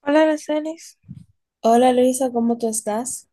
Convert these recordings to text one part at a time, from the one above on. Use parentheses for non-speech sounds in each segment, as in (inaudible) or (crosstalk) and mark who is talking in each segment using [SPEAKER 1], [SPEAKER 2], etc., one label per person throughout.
[SPEAKER 1] Hola, Aracelis.
[SPEAKER 2] Hola Luisa, ¿cómo tú estás?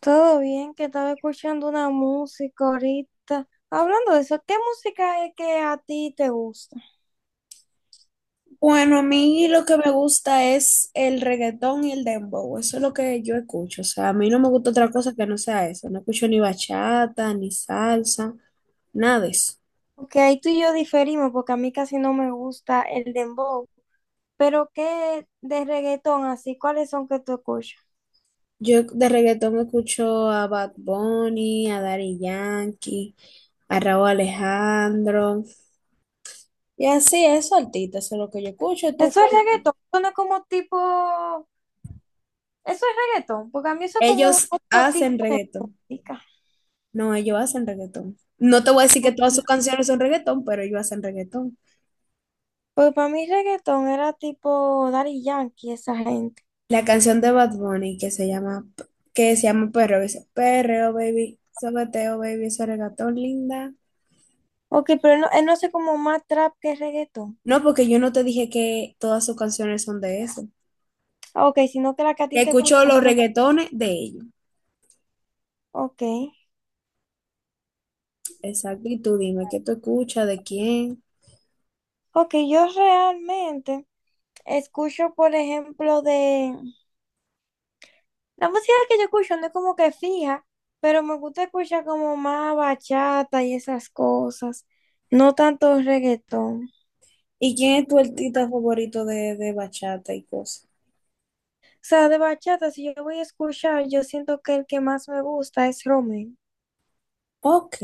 [SPEAKER 1] ¿Todo bien? Que estaba escuchando una música ahorita. Hablando de eso, ¿qué música es que a ti te gusta?
[SPEAKER 2] Bueno, a mí lo que me gusta es el reggaetón y el dembow, eso es lo que yo escucho, o sea, a mí no me gusta otra cosa que no sea eso, no escucho ni bachata, ni salsa, nada de eso.
[SPEAKER 1] Porque ahí tú y yo diferimos, porque a mí casi no me gusta el dembow. Pero ¿qué de reggaetón así? ¿Cuáles son que tú escuchas?
[SPEAKER 2] Yo de reggaetón escucho a Bad Bunny, a Daddy Yankee, a Raúl Alejandro, y así, eso artistas, eso es lo que yo escucho, ¿tú,
[SPEAKER 1] Eso es
[SPEAKER 2] cuál?
[SPEAKER 1] reggaetón, suena como tipo... Eso es reggaetón, porque a mí eso es como
[SPEAKER 2] Ellos
[SPEAKER 1] otro tipo
[SPEAKER 2] hacen
[SPEAKER 1] de
[SPEAKER 2] reggaetón,
[SPEAKER 1] música.
[SPEAKER 2] no, ellos hacen reggaetón. No te voy a decir que todas sus canciones son reggaetón, pero ellos hacen reggaetón.
[SPEAKER 1] Pues para mí reggaetón era tipo Daddy Yankee, esa gente.
[SPEAKER 2] La canción de Bad Bunny que se llama Perreo, dice, Perreo, baby, sobeteo, baby, ese regatón linda.
[SPEAKER 1] Ok, pero no, no sé como más trap que reggaetón.
[SPEAKER 2] No, porque yo no te dije que todas sus canciones son de eso.
[SPEAKER 1] Ah, ok, sino que la que a ti te
[SPEAKER 2] Escucho
[SPEAKER 1] gusta
[SPEAKER 2] los
[SPEAKER 1] son...
[SPEAKER 2] reggaetones de ellos.
[SPEAKER 1] Ok.
[SPEAKER 2] Exacto, y tú dime, ¿qué tú escuchas? ¿De quién?
[SPEAKER 1] Ok, yo realmente escucho, por ejemplo, de... La música que yo escucho no es como que fija, pero me gusta escuchar como más bachata y esas cosas. No tanto reggaetón.
[SPEAKER 2] ¿Y quién es tu artista favorito de bachata y cosas?
[SPEAKER 1] O sea, de bachata, si yo voy a escuchar, yo siento que el que más me gusta es Romeo.
[SPEAKER 2] Ok.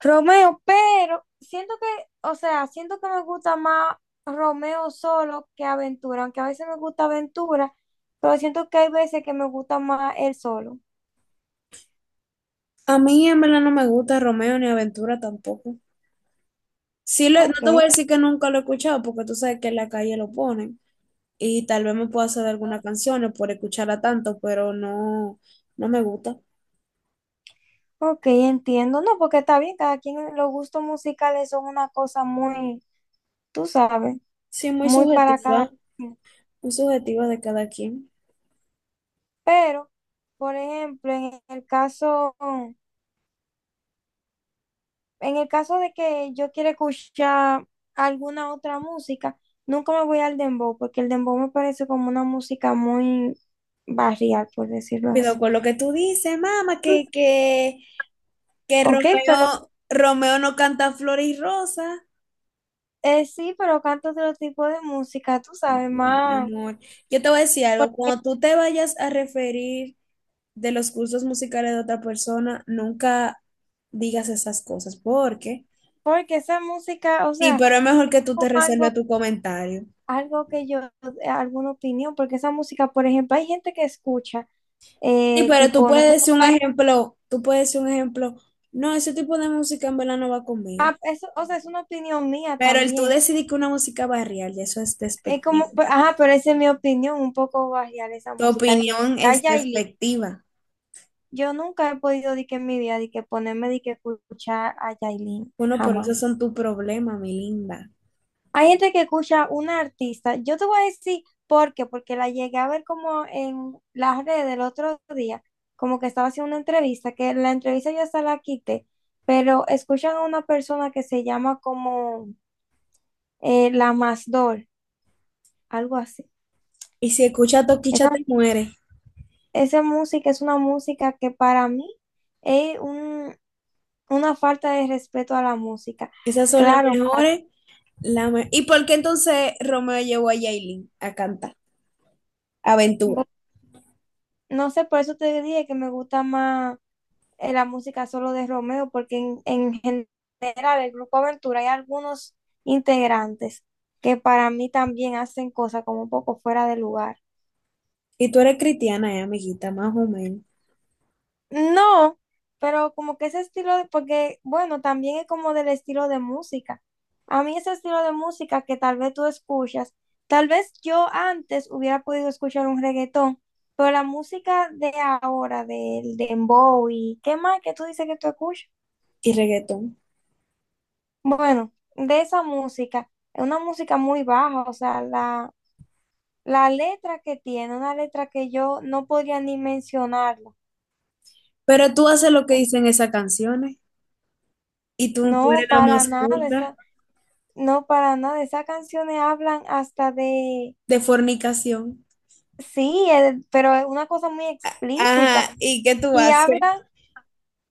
[SPEAKER 1] Romeo, pero siento que, o sea, siento que me gusta más Romeo solo que Aventura, aunque a veces me gusta Aventura, pero siento que hay veces que me gusta más él solo.
[SPEAKER 2] A mí en verdad no me gusta Romeo ni Aventura tampoco. Sí, lo- no
[SPEAKER 1] Ok,
[SPEAKER 2] te voy a decir que nunca lo he escuchado porque tú sabes que en la calle lo ponen. Y tal vez me pueda hacer algunas canciones por escucharla tanto, pero no, no me gusta.
[SPEAKER 1] ok, entiendo. No, porque está bien, cada quien, los gustos musicales son una cosa muy, tú sabes,
[SPEAKER 2] Sí,
[SPEAKER 1] muy para cada quien.
[SPEAKER 2] muy subjetiva de cada quien.
[SPEAKER 1] Pero, por ejemplo, en el caso de que yo quiera escuchar alguna otra música, nunca me voy al dembow, porque el dembow me parece como una música muy barrial, por decirlo así.
[SPEAKER 2] Cuidado con lo que tú dices, mamá, que
[SPEAKER 1] Ok, pero
[SPEAKER 2] Romeo, Romeo no canta flores y rosas.
[SPEAKER 1] sí, pero canto otro tipo de música, tú sabes,
[SPEAKER 2] Mi
[SPEAKER 1] más,
[SPEAKER 2] amor, yo te voy a decir
[SPEAKER 1] por-
[SPEAKER 2] algo, cuando tú te vayas a referir de los cursos musicales de otra persona, nunca digas esas cosas, porque
[SPEAKER 1] porque esa música, o
[SPEAKER 2] sí,
[SPEAKER 1] sea,
[SPEAKER 2] pero es mejor que tú
[SPEAKER 1] como
[SPEAKER 2] te
[SPEAKER 1] algo,
[SPEAKER 2] reserves tu comentario.
[SPEAKER 1] algo que yo, alguna opinión, porque esa música, por ejemplo, hay gente que escucha,
[SPEAKER 2] Sí, pero tú
[SPEAKER 1] tipo, no
[SPEAKER 2] puedes
[SPEAKER 1] sé,
[SPEAKER 2] decir un ejemplo, tú puedes decir un ejemplo, no, ese tipo de música en verdad no va conmigo.
[SPEAKER 1] ah, eso, o sea, es una opinión mía
[SPEAKER 2] Pero el tú
[SPEAKER 1] también.
[SPEAKER 2] decidir que una música barrial, y eso es
[SPEAKER 1] Es
[SPEAKER 2] despectivo.
[SPEAKER 1] como, ajá, pero esa es mi opinión, un poco barrial esa
[SPEAKER 2] Tu
[SPEAKER 1] música, de que
[SPEAKER 2] opinión
[SPEAKER 1] a
[SPEAKER 2] es
[SPEAKER 1] Yailin,
[SPEAKER 2] despectiva.
[SPEAKER 1] yo nunca he podido, de que en mi vida, de que ponerme, de que escuchar a Yailin,
[SPEAKER 2] Bueno, por eso
[SPEAKER 1] jamás.
[SPEAKER 2] son tu problema, mi linda.
[SPEAKER 1] Hay gente que escucha una artista, yo te voy a decir por qué, porque la llegué a ver como en las redes del otro día, como que estaba haciendo una entrevista, que la entrevista ya hasta la quité, pero escuchan a una persona que se llama como la Masdol, algo así.
[SPEAKER 2] Y si escuchas Toquicha te muere.
[SPEAKER 1] Esa música es una música que para mí es un- una falta de respeto a la música.
[SPEAKER 2] Esas son las
[SPEAKER 1] Claro,
[SPEAKER 2] mejores. La me- ¿y por qué entonces Romeo llevó a Yailin a cantar? Aventura.
[SPEAKER 1] bo- no sé, por eso te dije que me gusta más la música solo de Romeo, porque en general el grupo Aventura hay algunos integrantes que para mí también hacen cosas como un poco fuera de lugar.
[SPEAKER 2] Y tú eres cristiana, amiguita, más o menos.
[SPEAKER 1] No, pero como que ese estilo de, porque bueno, también es como del estilo de música. A mí ese estilo de música que tal vez tú escuchas, tal vez yo antes hubiera podido escuchar un reggaetón, pero la música de ahora, del dembow y qué más que tú dices que tú escuchas.
[SPEAKER 2] Y reggaetón.
[SPEAKER 1] Bueno, de esa música, es una música muy baja, o sea, la letra que tiene, una letra que yo no podría ni mencionarla.
[SPEAKER 2] Pero tú haces lo que dicen esas canciones. Y tú
[SPEAKER 1] No,
[SPEAKER 2] eres la
[SPEAKER 1] para
[SPEAKER 2] más
[SPEAKER 1] nada.
[SPEAKER 2] culta.
[SPEAKER 1] No, para nada. Esas canciones hablan hasta de,
[SPEAKER 2] De fornicación.
[SPEAKER 1] sí, pero es una cosa muy explícita.
[SPEAKER 2] Ajá, ¿y qué tú
[SPEAKER 1] Y
[SPEAKER 2] haces? (laughs)
[SPEAKER 1] hablan,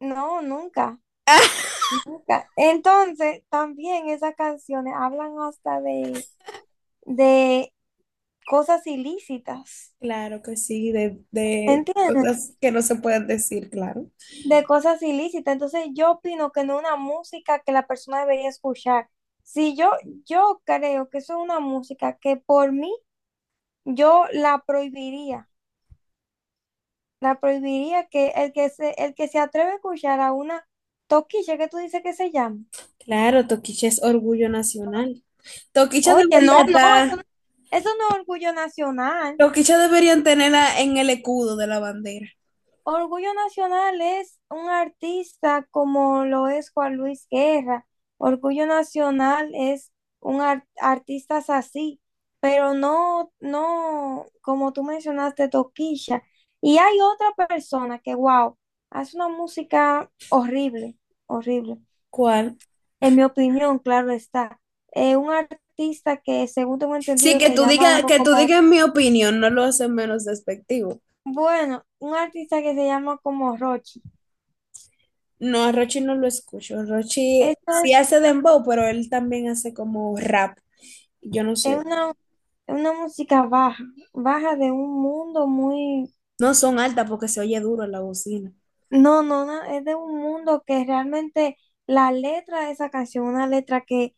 [SPEAKER 1] no, nunca,
[SPEAKER 2] Ah,
[SPEAKER 1] nunca. Entonces, también esas canciones hablan hasta de cosas ilícitas.
[SPEAKER 2] claro que sí, de
[SPEAKER 1] ¿Entiendes?
[SPEAKER 2] cosas que no se pueden decir, claro.
[SPEAKER 1] De cosas ilícitas. Entonces, yo opino que no es una música que la persona debería escuchar. Si yo, yo creo que eso es una música que por mí yo la prohibiría. La prohibiría que el que se atreve a escuchar a una toquilla que tú dices que se llama.
[SPEAKER 2] Claro, Toquicha es orgullo nacional. Toquicha
[SPEAKER 1] Oye, no,
[SPEAKER 2] debería
[SPEAKER 1] no,
[SPEAKER 2] estar,
[SPEAKER 1] eso no es orgullo nacional.
[SPEAKER 2] Toquicha deberían tenerla en el escudo de la bandera.
[SPEAKER 1] Orgullo nacional es un artista como lo es Juan Luis Guerra. Orgullo nacional es artistas así, pero no, no, como tú mencionaste, toquilla. Y hay otra persona que, wow, hace una música horrible, horrible.
[SPEAKER 2] ¿Cuál?
[SPEAKER 1] En mi opinión, claro está. Un artista que, según tengo
[SPEAKER 2] Sí,
[SPEAKER 1] entendido, se llama algo
[SPEAKER 2] que tú
[SPEAKER 1] como,
[SPEAKER 2] digas mi opinión, no lo hace menos despectivo.
[SPEAKER 1] bueno, un artista que se llama como Rochi.
[SPEAKER 2] No, a Rochi no lo escucho. Rochi
[SPEAKER 1] Esto
[SPEAKER 2] sí
[SPEAKER 1] es,
[SPEAKER 2] hace dembow, pero él también hace como rap. Yo no
[SPEAKER 1] es
[SPEAKER 2] sé.
[SPEAKER 1] una, una música baja, baja de un mundo muy,
[SPEAKER 2] No son altas porque se oye duro en la bocina.
[SPEAKER 1] no, no, no, es de un mundo que realmente la letra de esa canción, una letra que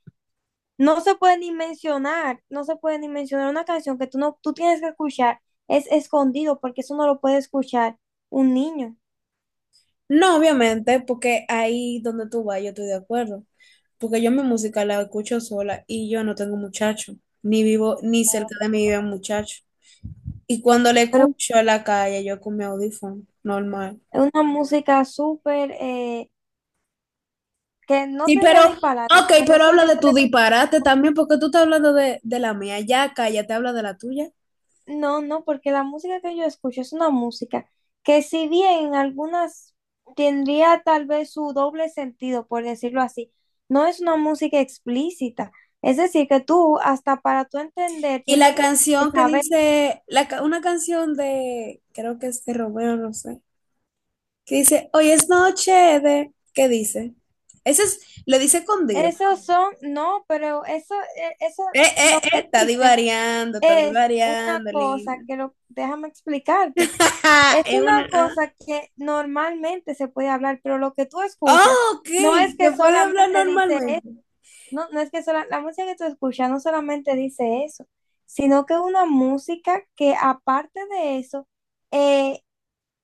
[SPEAKER 1] no se puede ni mencionar una canción que tú no, tú tienes que escuchar, es escondido porque eso no lo puede escuchar un niño.
[SPEAKER 2] No, obviamente, porque ahí donde tú vas, yo estoy de acuerdo. Porque yo mi música la escucho sola y yo no tengo muchacho. Ni vivo, ni cerca de mí vive un muchacho. Y cuando le escucho en la calle, yo con mi audífono, normal.
[SPEAKER 1] Es una música súper que no
[SPEAKER 2] Sí,
[SPEAKER 1] tendría
[SPEAKER 2] pero,
[SPEAKER 1] ni palabras.
[SPEAKER 2] ok,
[SPEAKER 1] Por
[SPEAKER 2] pero
[SPEAKER 1] eso
[SPEAKER 2] habla
[SPEAKER 1] yo,
[SPEAKER 2] de tu
[SPEAKER 1] pre-
[SPEAKER 2] disparate también, porque tú estás hablando de la mía. Ya, cállate, habla de la tuya.
[SPEAKER 1] no, no, porque la música que yo escucho es una música que si bien en algunas tendría tal vez su doble sentido, por decirlo así, no es una música explícita. Es decir, que tú, hasta para tú entender,
[SPEAKER 2] Y la
[SPEAKER 1] tienes que
[SPEAKER 2] canción que
[SPEAKER 1] saber.
[SPEAKER 2] dice, la, ca- una canción de, creo que es de Romeo, no sé, que dice, hoy es noche de, ¿qué dice? Ese es, lo dice con Dios.
[SPEAKER 1] Esos son, no, pero eso, eso lo que dice
[SPEAKER 2] Está
[SPEAKER 1] es una
[SPEAKER 2] divariando,
[SPEAKER 1] cosa
[SPEAKER 2] linda.
[SPEAKER 1] que lo, déjame explicarte. Es
[SPEAKER 2] (laughs) Es
[SPEAKER 1] una
[SPEAKER 2] una A.
[SPEAKER 1] cosa que normalmente se puede hablar, pero lo que tú escuchas
[SPEAKER 2] Oh, ok,
[SPEAKER 1] no es que
[SPEAKER 2] que puede hablar
[SPEAKER 1] solamente dice,
[SPEAKER 2] normalmente.
[SPEAKER 1] no, la música que tú escuchas no solamente dice eso, sino que es una música que aparte de eso, eh,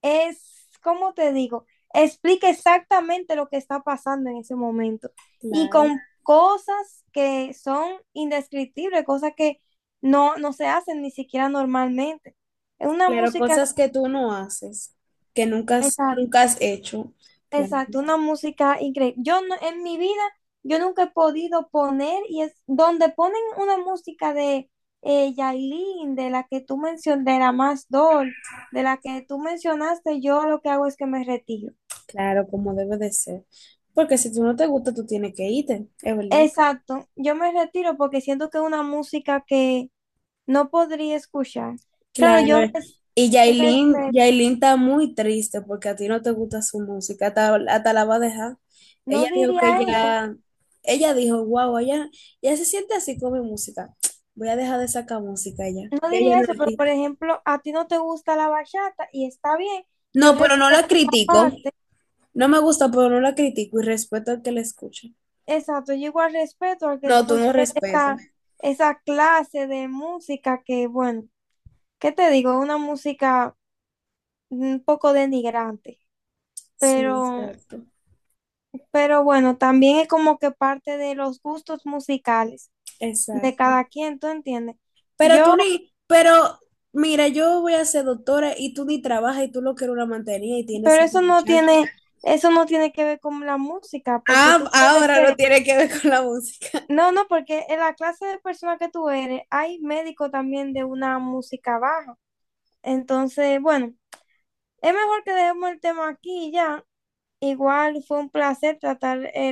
[SPEAKER 1] es, ¿cómo te digo? Explica exactamente lo que está pasando en ese momento y
[SPEAKER 2] Claro,
[SPEAKER 1] con cosas que son indescriptibles, cosas que no se hacen ni siquiera normalmente. Es una
[SPEAKER 2] claro,
[SPEAKER 1] música...
[SPEAKER 2] cosas que tú no haces, que nunca has,
[SPEAKER 1] Exacto.
[SPEAKER 2] nunca has hecho. Claro.
[SPEAKER 1] Exacto, una música increíble. Yo no- en mi vida, yo nunca he podido poner, y es donde ponen una música de Yailin, de la que tú mencionaste, de la más Doll, de la que tú mencionaste, yo lo que hago es que me retiro.
[SPEAKER 2] Claro, como debe de ser. Porque si tú no te gusta, tú tienes que irte, es verdad.
[SPEAKER 1] Exacto, yo me retiro porque siento que es una música que no podría escuchar. Claro,
[SPEAKER 2] Claro, eh. Y
[SPEAKER 1] respeto,
[SPEAKER 2] Yailin, Yailin está muy triste porque a ti no te gusta su música, hasta, hasta la va a dejar.
[SPEAKER 1] no
[SPEAKER 2] Ella dijo que
[SPEAKER 1] diría eso,
[SPEAKER 2] ya, ella dijo, wow, ella se siente así con mi música. Voy a dejar de sacar música ya.
[SPEAKER 1] no
[SPEAKER 2] Ya ella
[SPEAKER 1] diría
[SPEAKER 2] no es
[SPEAKER 1] eso, pero por
[SPEAKER 2] artista.
[SPEAKER 1] ejemplo, a ti no te gusta la bachata y está bien,
[SPEAKER 2] No,
[SPEAKER 1] yo
[SPEAKER 2] pero no la
[SPEAKER 1] respeto.
[SPEAKER 2] critico. No me gusta, pero no la critico y respeto al que la escucha.
[SPEAKER 1] Exacto, yo igual respeto al que
[SPEAKER 2] No, tú
[SPEAKER 1] escuche
[SPEAKER 2] no respetas.
[SPEAKER 1] esa, esa clase de música que, bueno, ¿qué te digo? Una música un poco denigrante,
[SPEAKER 2] Sí,
[SPEAKER 1] pero,
[SPEAKER 2] exacto,
[SPEAKER 1] pero bueno, también es como que parte de los gustos musicales de
[SPEAKER 2] exacto.
[SPEAKER 1] cada quien, ¿tú entiendes?
[SPEAKER 2] Pero tú
[SPEAKER 1] Yo,
[SPEAKER 2] ni, pero mira, yo voy a ser doctora y tú ni trabajas y tú lo que eres una mantenida y tienes
[SPEAKER 1] pero
[SPEAKER 2] cinco muchachos.
[SPEAKER 1] eso no tiene que ver con la música, porque
[SPEAKER 2] Ah,
[SPEAKER 1] tú puedes
[SPEAKER 2] ahora no
[SPEAKER 1] ser,
[SPEAKER 2] tiene que ver con la música.
[SPEAKER 1] no, no, porque en la clase de persona que tú eres, hay médicos también de una música baja. Entonces, bueno. Es mejor que dejemos el tema aquí ya. Igual fue un placer tratar los